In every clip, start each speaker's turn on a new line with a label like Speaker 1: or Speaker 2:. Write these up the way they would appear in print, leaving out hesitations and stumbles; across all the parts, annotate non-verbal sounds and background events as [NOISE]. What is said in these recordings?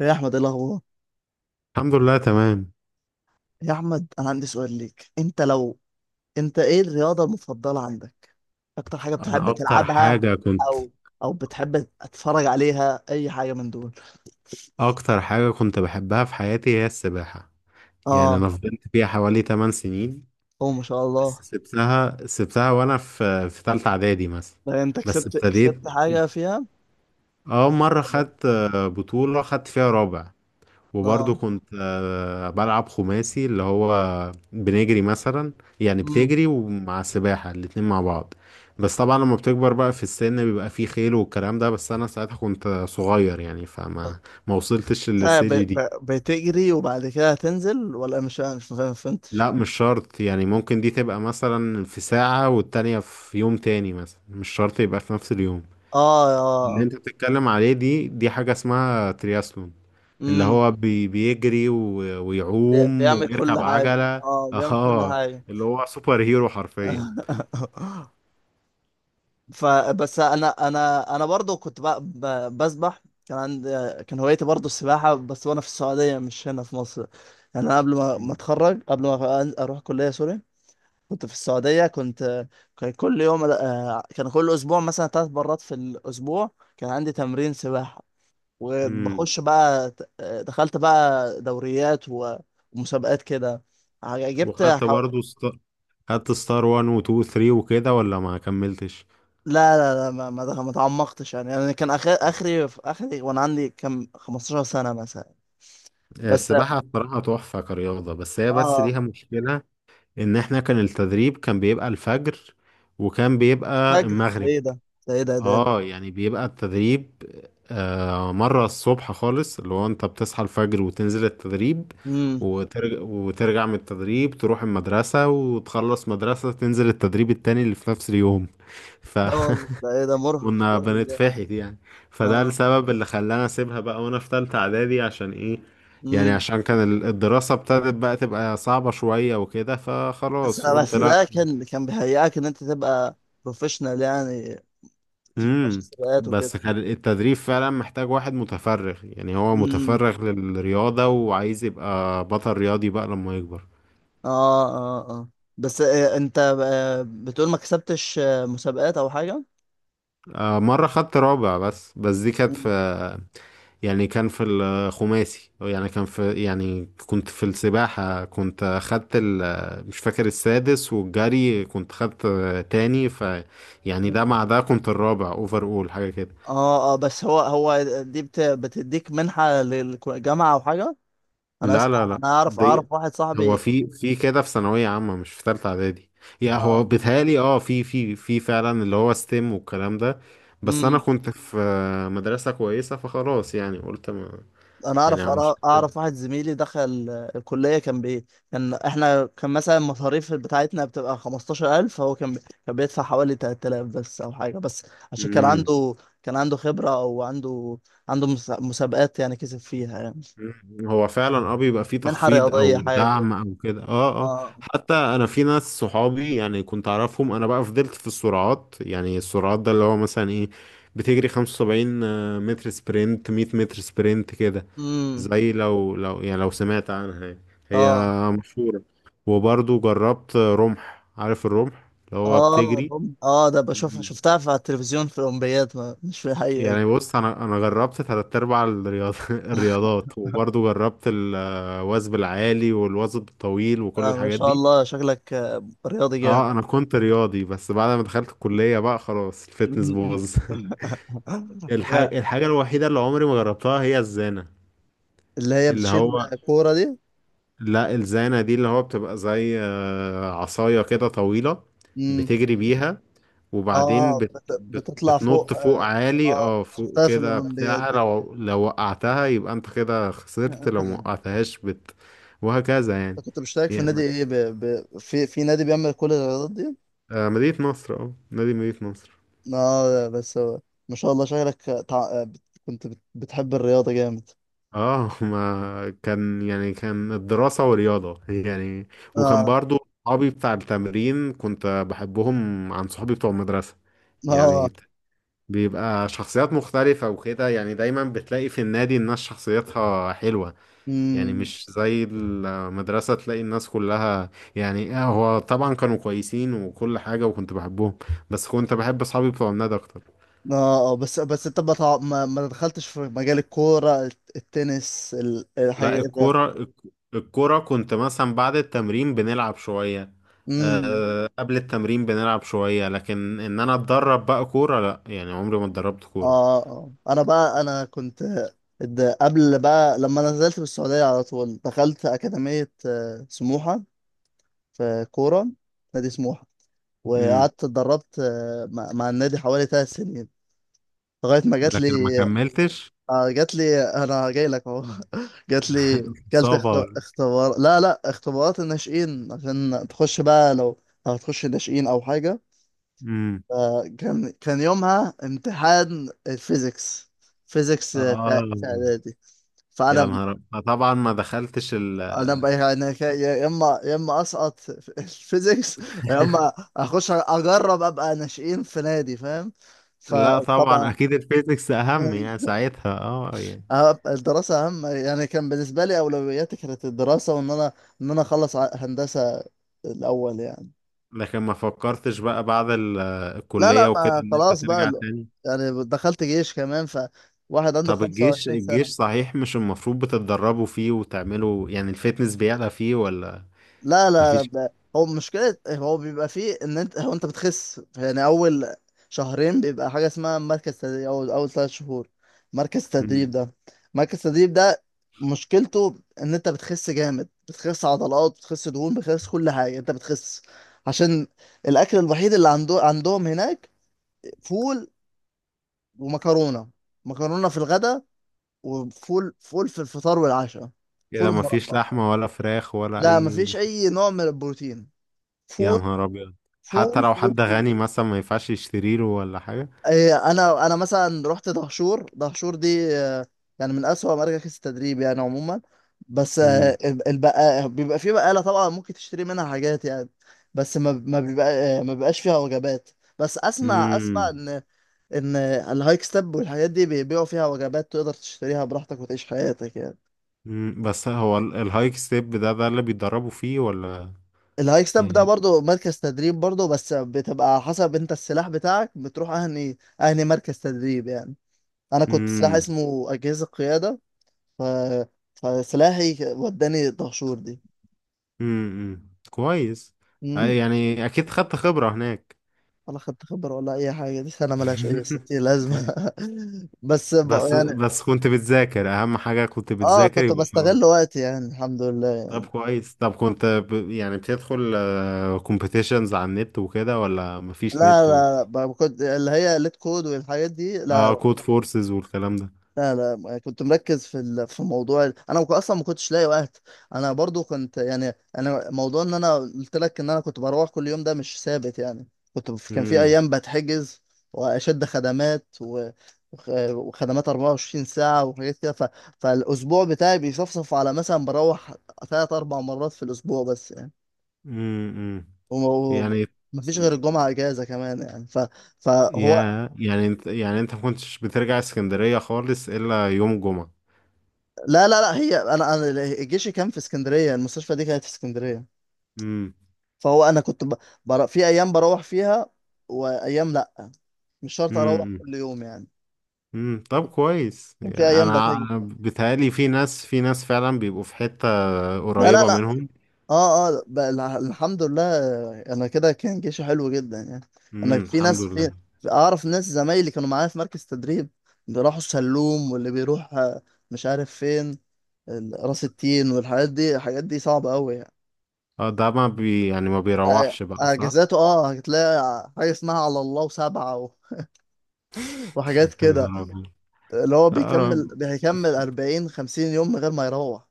Speaker 1: يا احمد، ايه الاخبار؟
Speaker 2: الحمد لله تمام
Speaker 1: يا احمد، انا عندي سؤال ليك. انت ايه الرياضه المفضله عندك؟ اكتر حاجه
Speaker 2: انا
Speaker 1: بتحب
Speaker 2: اكتر
Speaker 1: تلعبها؟
Speaker 2: حاجة كنت
Speaker 1: او او بتحب تتفرج عليها، اي حاجه من دول؟
Speaker 2: اكتر حاجة كنت بحبها في حياتي هي السباحة. يعني
Speaker 1: اه.
Speaker 2: انا فضلت فيها حوالي 8 سنين.
Speaker 1: هو ما شاء الله.
Speaker 2: بس سبتها وانا في تالتة اعدادي مثلا.
Speaker 1: ده انت
Speaker 2: بس
Speaker 1: كسبت
Speaker 2: ابتديت،
Speaker 1: كسبت حاجه فيها؟
Speaker 2: اه مرة خدت بطولة خدت فيها رابع.
Speaker 1: اه.
Speaker 2: وبرضه كنت بلعب خماسي اللي هو بنجري مثلا، يعني
Speaker 1: امم
Speaker 2: بتجري ومع السباحة الاتنين مع بعض. بس طبعا لما بتكبر بقى في السن بيبقى فيه خيل والكلام ده، بس انا ساعتها كنت صغير يعني، فما ما وصلتش للسيجي دي.
Speaker 1: بتجري وبعد كده هتنزل، ولا مش؟ ما فهمتش.
Speaker 2: لا مش شرط يعني، ممكن دي تبقى مثلا في ساعة والتانية في يوم تاني مثلا، مش شرط يبقى في نفس اليوم.
Speaker 1: اه،
Speaker 2: اللي
Speaker 1: اه.
Speaker 2: انت بتتكلم عليه دي حاجة اسمها ترياسلون، اللي
Speaker 1: امم
Speaker 2: هو بيجري ويعوم
Speaker 1: بيعمل كل
Speaker 2: وبيركب
Speaker 1: حاجه،
Speaker 2: عجلة
Speaker 1: اه،
Speaker 2: [LAUGHS]
Speaker 1: بيعمل كل
Speaker 2: اه
Speaker 1: حاجه.
Speaker 2: اللي هو سوبر هيرو حرفيا.
Speaker 1: [LAUGHS] فبس انا برضو كنت بقى بسبح، كان عندي. كان هوايتي برضو السباحه بس، وانا في السعوديه، مش هنا في مصر. يعني انا قبل ما اتخرج، قبل ما اروح كليه، سوري. كنت في السعوديه، كنت. كان كل يوم، كان كل اسبوع مثلا 3 مرات في الاسبوع. كان عندي تمرين سباحه.
Speaker 2: امم.
Speaker 1: وبخش بقى، دخلت بقى دوريات، ومسابقات كده. جبت
Speaker 2: وخدت
Speaker 1: ح-
Speaker 2: برضو خدت ستار 1 و 2 و 3 وكده، ولا ما كملتش؟
Speaker 1: لا، لا، لا، ما تعمقتش يعني. انا كان اخري في اخري، وانا عندي كم 15 سنة مثلا. بس.
Speaker 2: السباحة بصراحة تحفة كرياضة، بس هي بس
Speaker 1: اه.
Speaker 2: ليها مشكلة، إن إحنا كان التدريب كان بيبقى الفجر وكان بيبقى
Speaker 1: فجر ده
Speaker 2: المغرب.
Speaker 1: ايه ده؟ ده ايه ده؟
Speaker 2: اه يعني بيبقى التدريب، مرة الصبح خالص اللي هو انت بتصحى الفجر وتنزل التدريب،
Speaker 1: امم
Speaker 2: وترجع من التدريب تروح المدرسة، وتخلص مدرسة تنزل التدريب التاني اللي في نفس اليوم. فكنا
Speaker 1: ده ايه ده؟ مرهق،
Speaker 2: [LAUGHS]
Speaker 1: مرهق جامد.
Speaker 2: بنتفحت يعني. فده
Speaker 1: اه.
Speaker 2: السبب اللي خلاني اسيبها بقى وانا في تالتة اعدادي، عشان ايه؟ يعني
Speaker 1: امم
Speaker 2: عشان كان الدراسة ابتدت بقى تبقى صعبة شوية وكده،
Speaker 1: بس
Speaker 2: فخلاص قلت
Speaker 1: بس
Speaker 2: لا.
Speaker 1: ده كان بيهيئك ان انت تبقى بروفيشنال يعني، في ماتش
Speaker 2: امم.
Speaker 1: السباقات وكده.
Speaker 2: بس كان التدريب فعلا محتاج واحد متفرغ، يعني هو
Speaker 1: امم
Speaker 2: متفرغ للرياضة وعايز يبقى بطل رياضي بقى لما يكبر.
Speaker 1: اه، اه. اه، بس انت، بتقول ما كسبتش مسابقات او حاجة؟
Speaker 2: مرة خدت رابع، بس دي كانت في، يعني كان في الخماسي، يعني كان في، يعني كنت في السباحة كنت خدت ال مش فاكر السادس، والجري كنت خدت تاني. ف يعني ده
Speaker 1: مم.
Speaker 2: مع ده كنت الرابع اوفر اول حاجة كده.
Speaker 1: اه، اه، بس هو دي بتديك منحة للجامعة او حاجة؟ انا
Speaker 2: لا،
Speaker 1: اسمع،
Speaker 2: لا، لا.
Speaker 1: انا اعرف
Speaker 2: دي
Speaker 1: اعرف واحد
Speaker 2: هو
Speaker 1: صاحبي.
Speaker 2: في كده في ثانوية عامة مش في تالتة إعدادي. يعني هو
Speaker 1: اه.
Speaker 2: بيتهيألي اه في فعلا اللي هو ستيم والكلام ده. بس أنا
Speaker 1: امم
Speaker 2: كنت في مدرسة كويسة، فخلاص يعني قلت ما.
Speaker 1: انا
Speaker 2: يعني
Speaker 1: اعرف
Speaker 2: مش
Speaker 1: أرا- اعرف واحد زميلي دخل الكلية، كان بي. كان احنا، كان مثلا المصاريف بتاعتنا بتبقى 15,000، هو كان كان بيدفع حوالي 3000 بس او حاجة بس. عشان كان
Speaker 2: هتم.
Speaker 1: عنده، كان عنده خبرة او عنده، عنده مسابقات يعني، كسب فيها يعني.
Speaker 2: مم. هو فعلا اه بيبقى فيه
Speaker 1: منحة
Speaker 2: تخفيض
Speaker 1: رياضية،
Speaker 2: او
Speaker 1: حاجة كده.
Speaker 2: دعم او كده. اه اه،
Speaker 1: اه.
Speaker 2: حتى انا في ناس صحابي يعني كنت اعرفهم، انا بقى فضلت في السرعات، يعني السرعات ده اللي هو مثلا ايه، بتجري 75 متر سبرنت، 100 متر سبرنت كده.
Speaker 1: امم
Speaker 2: زي لو يعني، لو سمعت عنها يعني. هي
Speaker 1: اه،
Speaker 2: مشهورة. وبرضو جربت رمح، عارف الرمح اللي هو
Speaker 1: اه.
Speaker 2: بتجري.
Speaker 1: ده بشوفها
Speaker 2: مم.
Speaker 1: شفتها في، التلفزيون في الأولمبياد، ما مش في الحقيقة دي.
Speaker 2: يعني بص انا جربت تلات ارباع [LAUGHS] الرياضات، وبرضو جربت الوثب العالي والوثب الطويل وكل
Speaker 1: ما
Speaker 2: الحاجات
Speaker 1: شاء
Speaker 2: دي.
Speaker 1: الله، شكلك رياضي جامد.
Speaker 2: اه انا كنت رياضي، بس بعد ما دخلت الكلية بقى خلاص الفتنس باظ
Speaker 1: [LAUGHS]
Speaker 2: [LAUGHS]
Speaker 1: لا.
Speaker 2: الحاجة الوحيدة اللي عمري ما جربتها هي الزانة.
Speaker 1: اللي هي
Speaker 2: اللي
Speaker 1: بتشيل
Speaker 2: هو
Speaker 1: كورة دي؟
Speaker 2: لا الزانة دي اللي هو بتبقى زي عصاية كده طويلة،
Speaker 1: امم
Speaker 2: بتجري بيها وبعدين
Speaker 1: اه، بتطلع
Speaker 2: بتنط
Speaker 1: فوق
Speaker 2: فوق
Speaker 1: اه,
Speaker 2: عالي اه فوق
Speaker 1: شفتها في
Speaker 2: كده
Speaker 1: الأولمبياد
Speaker 2: بتاع،
Speaker 1: دي برضه.
Speaker 2: لو وقعتها يبقى انت كده خسرت، لو ما
Speaker 1: [LAUGHS]
Speaker 2: وقعتهاش وهكذا يعني.
Speaker 1: أنت كنت مشترك في
Speaker 2: يعني
Speaker 1: نادي ايه؟ في نادي بيعمل كل الرياضات دي؟
Speaker 2: مدينة نصر. اه نادي مدينة نصر.
Speaker 1: اه، بس ما شاء الله، شكلك، كنت بتحب الرياضة جامد.
Speaker 2: اه [LAUGHS] ما كان يعني كان الدراسة ورياضة يعني، وكان
Speaker 1: اه،
Speaker 2: برضو صحابي بتاع التمرين كنت بحبهم عن صحابي بتوع المدرسة.
Speaker 1: اه.
Speaker 2: يعني بيبقى شخصيات مختلفة وكده، يعني دايما بتلاقي في النادي الناس شخصيتها حلوة، يعني
Speaker 1: امم
Speaker 2: مش زي المدرسة تلاقي الناس كلها. يعني هو طبعا كانوا كويسين وكل حاجة وكنت بحبهم، بس كنت بحب أصحابي بتوع النادي أكتر.
Speaker 1: اه، اه. بس انت، ما تع- ما ما دخلتش في مجال الكورة، التنس،
Speaker 2: لا
Speaker 1: الحاجة ده.
Speaker 2: الكورة الكورة كنت مثلا بعد التمرين بنلعب شوية،
Speaker 1: امم
Speaker 2: أه قبل التمرين بنلعب شوية، لكن إن أنا أتدرب بقى كورة لا، يعني عمري ما اتدربت كورة.
Speaker 1: اه، اه. انا بقى، انا كنت. قبل بقى لما نزلت من السعودية على طول، دخلت أكاديمية سموحة، في كورة، نادي سموحة.
Speaker 2: امم.
Speaker 1: وقعدت اتدربت مع النادي حوالي 3 سنين، لغاية ما جات لي.
Speaker 2: لكن ما كملتش.
Speaker 1: اه، جات لي، انا جاي لك اهو. [LAUGHS] جات لي. كلت اخت...
Speaker 2: صبر.
Speaker 1: اختبار، لا، لا، اختبارات الناشئين، عشان تخش بقى، لو هتخش ناشئين او حاجه.
Speaker 2: امم.
Speaker 1: كان يومها امتحان الفيزيكس. فيزيكس في
Speaker 2: اه
Speaker 1: اعدادي.
Speaker 2: يا
Speaker 1: فانا
Speaker 2: نهار طبعا ما دخلتش ال
Speaker 1: انا بقى يعني، يا اما اسقط في [LAUGHS] الفيزيكس، يا
Speaker 2: [LAUGHS]
Speaker 1: اما اخش اجرب ابقى ناشئين في نادي، فاهم؟
Speaker 2: لا طبعا
Speaker 1: فطبعا.
Speaker 2: اكيد الفيزيكس اهم، يعني
Speaker 1: [LAUGHS]
Speaker 2: ساعتها اه يعني.
Speaker 1: اه، الدراسة أهم يعني، كان بالنسبة لي أولوياتي كانت الدراسة، وإن أنا، إن أنا أخلص هندسة الأول يعني.
Speaker 2: لكن ما فكرتش بقى بعد
Speaker 1: لا، لا،
Speaker 2: الكلية وكده
Speaker 1: ما
Speaker 2: ان انت
Speaker 1: خلاص بقى
Speaker 2: ترجع
Speaker 1: ال-
Speaker 2: تاني.
Speaker 1: يعني دخلت جيش كمان، فواحد عنده
Speaker 2: طب الجيش،
Speaker 1: 25
Speaker 2: الجيش
Speaker 1: سنة.
Speaker 2: صحيح مش المفروض بتتدربوا فيه وتعملوا يعني الفتنس بيعلى فيه ولا؟
Speaker 1: لا، لا، لا،
Speaker 2: مفيش.
Speaker 1: هو مشكلة، هو بيبقى فيه ان انت، انت بتخس يعني، اول شهرين بيبقى حاجة اسمها مركز تدريب، او اول 3 شهور. مركز تدريب
Speaker 2: مم.
Speaker 1: ده، مركز تدريب ده مشكلته، ان انت بتخس جامد، بتخس عضلات، بتخس دهون، بتخس كل حاجة، انت بتخس عشان الاكل الوحيد اللي عندهم هناك، فول، ومكرونة، مكرونة في الغداء، وفول، فول في الفطار والعشاء. فول
Speaker 2: كده مفيش
Speaker 1: ومربى.
Speaker 2: لحمة ولا فراخ ولا
Speaker 1: لا،
Speaker 2: اي
Speaker 1: مفيش
Speaker 2: لحمة.
Speaker 1: اي نوع من البروتين.
Speaker 2: يا نهار ابيض. حتى
Speaker 1: فول،
Speaker 2: لو
Speaker 1: فول،
Speaker 2: حد
Speaker 1: فول.
Speaker 2: غني مثلا ما ينفعش يشتري له ولا حاجة.
Speaker 1: إيه، انا مثلا رحت دهشور، دهشور دي يعني من اسوأ مراكز التدريب يعني عموما. بس
Speaker 2: مم.
Speaker 1: آه، بيبقى في بقالة طبعا، ممكن تشتري منها حاجات يعني، بس ما بيبقى، ما بيبقاش فيها وجبات. بس اسمع، اسمع،
Speaker 2: مم.
Speaker 1: ان ان الهايك ستيب والحاجات دي بيبيعوا فيها وجبات، تقدر تشتريها براحتك وتعيش حياتك يعني.
Speaker 2: مم. بس هو الهايك ستيب ده ده اللي بيتدربوا فيه ولا؟
Speaker 1: الهايك ستيب ده
Speaker 2: يعني.
Speaker 1: برضو مركز تدريب برضو، بس بتبقى على حسب انت السلاح بتاعك، بتروح اهني، اهني مركز تدريب يعني. انا كنت سلاح
Speaker 2: مم.
Speaker 1: اسمه اجهزه قياده. ف... فسلاحي وداني دهشور دي.
Speaker 2: كويس. أي
Speaker 1: مم.
Speaker 2: يعني اكيد خدت خبرة هناك.
Speaker 1: ولا خدت خبره ولا اي حاجه، دي سنه ملهاش اي ستين
Speaker 2: [LAUGHS]
Speaker 1: لازمه. [LAUGHS] بس،
Speaker 2: بس
Speaker 1: يعني،
Speaker 2: بس كنت بتذاكر اهم حاجة، كنت
Speaker 1: اه،
Speaker 2: بتذاكر
Speaker 1: كنت
Speaker 2: يبقى
Speaker 1: بستغل
Speaker 2: خلاص.
Speaker 1: وقتي يعني، الحمد لله
Speaker 2: طب
Speaker 1: يعني.
Speaker 2: كويس، طب كنت يعني بتدخل كومبيتيشنز على النت وكده ولا
Speaker 1: لا،
Speaker 2: مفيش نت و...
Speaker 1: لا، لا. كنت اللي هي ليت كود والحاجات دي،
Speaker 2: اه
Speaker 1: لا.
Speaker 2: كود فورسز والكلام ده.
Speaker 1: لا، لا، ما كنت مركز في، في موضوع انا، اصلا ما كنتش لاقي وقت. انا برضو كنت يعني، انا موضوع ان انا قلت لك ان انا كنت بروح كل يوم، ده مش ثابت يعني. كان في
Speaker 2: امم.
Speaker 1: ايام بتحجز، واشد خدمات، وخدمات 24 ساعة وحاجات كده، فالاسبوع بتاعي بيصفصف على، مثلا بروح 3-4 مرات في الاسبوع بس يعني.
Speaker 2: امم. امم.
Speaker 1: وما
Speaker 2: يعني
Speaker 1: مفيش غير الجمعة اجازة كمان يعني، فهو.
Speaker 2: يا يعني انت، يعني انت ما كنتش بترجع اسكندرية خالص الا يوم جمعة.
Speaker 1: لا، لا، لا، هي انا جيشي كان في اسكندرية، المستشفى دي كانت في اسكندرية.
Speaker 2: امم.
Speaker 1: فهو انا كنت في ايام بروح فيها، وايام لا، مش شرط
Speaker 2: امم.
Speaker 1: اروح
Speaker 2: امم.
Speaker 1: كل يوم يعني.
Speaker 2: طب كويس
Speaker 1: كان في
Speaker 2: يعني
Speaker 1: ايام
Speaker 2: انا، مم،
Speaker 1: بتجي.
Speaker 2: أنا بيتهيألي في ناس فعلا بيبقوا في حتة
Speaker 1: لا، لا،
Speaker 2: قريبة
Speaker 1: لا،
Speaker 2: منهم.
Speaker 1: اه، اه، الحمد لله، انا كده كان جيشي حلو جدا يعني. انا في
Speaker 2: الحمد
Speaker 1: ناس،
Speaker 2: لله.
Speaker 1: اعرف ناس زمايلي كانوا معايا في مركز تدريب، بيروحوا السلوم، واللي بيروح مش عارف فين، راس التين والحاجات دي، الحاجات دي صعبة قوي يعني.
Speaker 2: اه ده ما بي يعني ما بيروحش بقى صح.
Speaker 1: اجازاته، هتلاقي حاجة اسمها على الله وسبعة، [LAUGHS] وحاجات
Speaker 2: [LAUGHS] يا
Speaker 1: كده،
Speaker 2: نهار أبيض.
Speaker 1: اللي هو
Speaker 2: لا رب...
Speaker 1: بيكمل 40-50 يوم من غير ما يروح.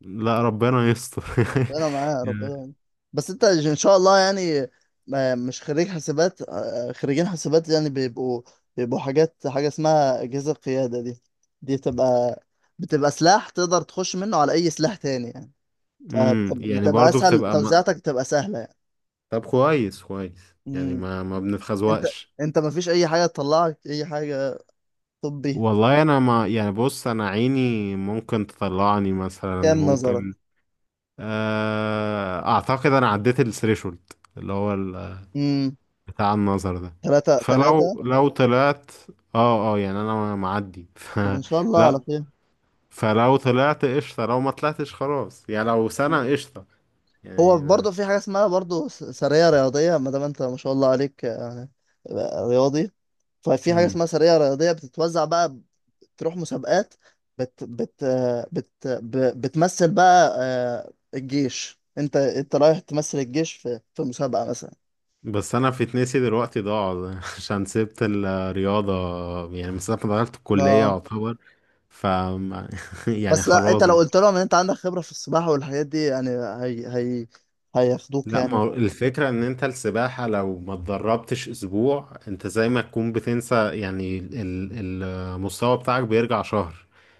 Speaker 2: لا ربنا يستر.
Speaker 1: ربنا
Speaker 2: [LAUGHS]
Speaker 1: معاه، ربنا
Speaker 2: يعني.
Speaker 1: معاه. بس انت ان شاء الله يعني، مش خريج حسابات، خريجين حسابات يعني بيبقوا، بيبقوا حاجات، حاجة اسمها أجهزة قيادة دي، دي بتبقى، بتبقى سلاح تقدر تخش منه على أي سلاح تاني يعني،
Speaker 2: امم. يعني
Speaker 1: فبتبقى
Speaker 2: برضو
Speaker 1: صح، أسهل، كده
Speaker 2: بتبقى ما...
Speaker 1: توزيعاتك بتبقى سهلة يعني.
Speaker 2: طب كويس كويس يعني
Speaker 1: مم.
Speaker 2: ما ما
Speaker 1: انت
Speaker 2: بنتخزوقش.
Speaker 1: انت مفيش أي حاجة تطلعك، أي حاجة طبي؟
Speaker 2: والله انا ما يعني، بص انا عيني ممكن تطلعني مثلا،
Speaker 1: كام نظرك؟
Speaker 2: ممكن اعتقد انا عديت الثريشولد اللي هو
Speaker 1: امم
Speaker 2: بتاع النظر ده.
Speaker 1: تلاتة تلاتة.
Speaker 2: فلو طلعت، اه اه يعني انا معدي [LAUGHS] ف.
Speaker 1: طب إن شاء الله
Speaker 2: لا،
Speaker 1: على خير.
Speaker 2: فلو طلعت قشطة، لو ما طلعتش خلاص يعني، لو سنة قشطة
Speaker 1: هو
Speaker 2: يعني.
Speaker 1: برضه في حاجة اسمها برضه، سرية رياضية، ما دام انت ما شاء الله عليك يعني، رياضي، ففي حاجة
Speaker 2: مم.
Speaker 1: اسمها سرية رياضية بتتوزع بقى، تروح مسابقات، بت بت بتمثل بقى الجيش، انت رايح تمثل الجيش في مسابقة مثلا.
Speaker 2: بس انا في تنسي دلوقتي ضاع [LAUGHS] عشان سبت الرياضة، يعني من ساعة ما دخلت الكلية
Speaker 1: ما
Speaker 2: يعتبر. ف [LAUGHS] يعني
Speaker 1: بس لا، انت
Speaker 2: خلاص.
Speaker 1: لو قلت لهم ان انت عندك خبرة في السباحة والحاجات دي يعني، هي هياخدوك
Speaker 2: لا، ما
Speaker 1: يعني.
Speaker 2: هو الفكرة ان انت السباحة لو ما اتدربتش اسبوع انت زي ما تكون بتنسى، يعني المستوى بتاعك بيرجع شهر.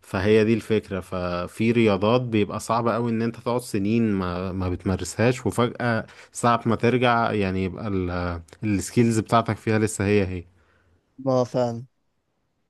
Speaker 2: فهي دي الفكرة، ففي رياضات بيبقى صعب قوي ان انت تقعد سنين ما بتمارسهاش، وفجأة ساعة ما ترجع يعني يبقى السكيلز بتاعتك فيها لسه هي هي
Speaker 1: ما فعلا.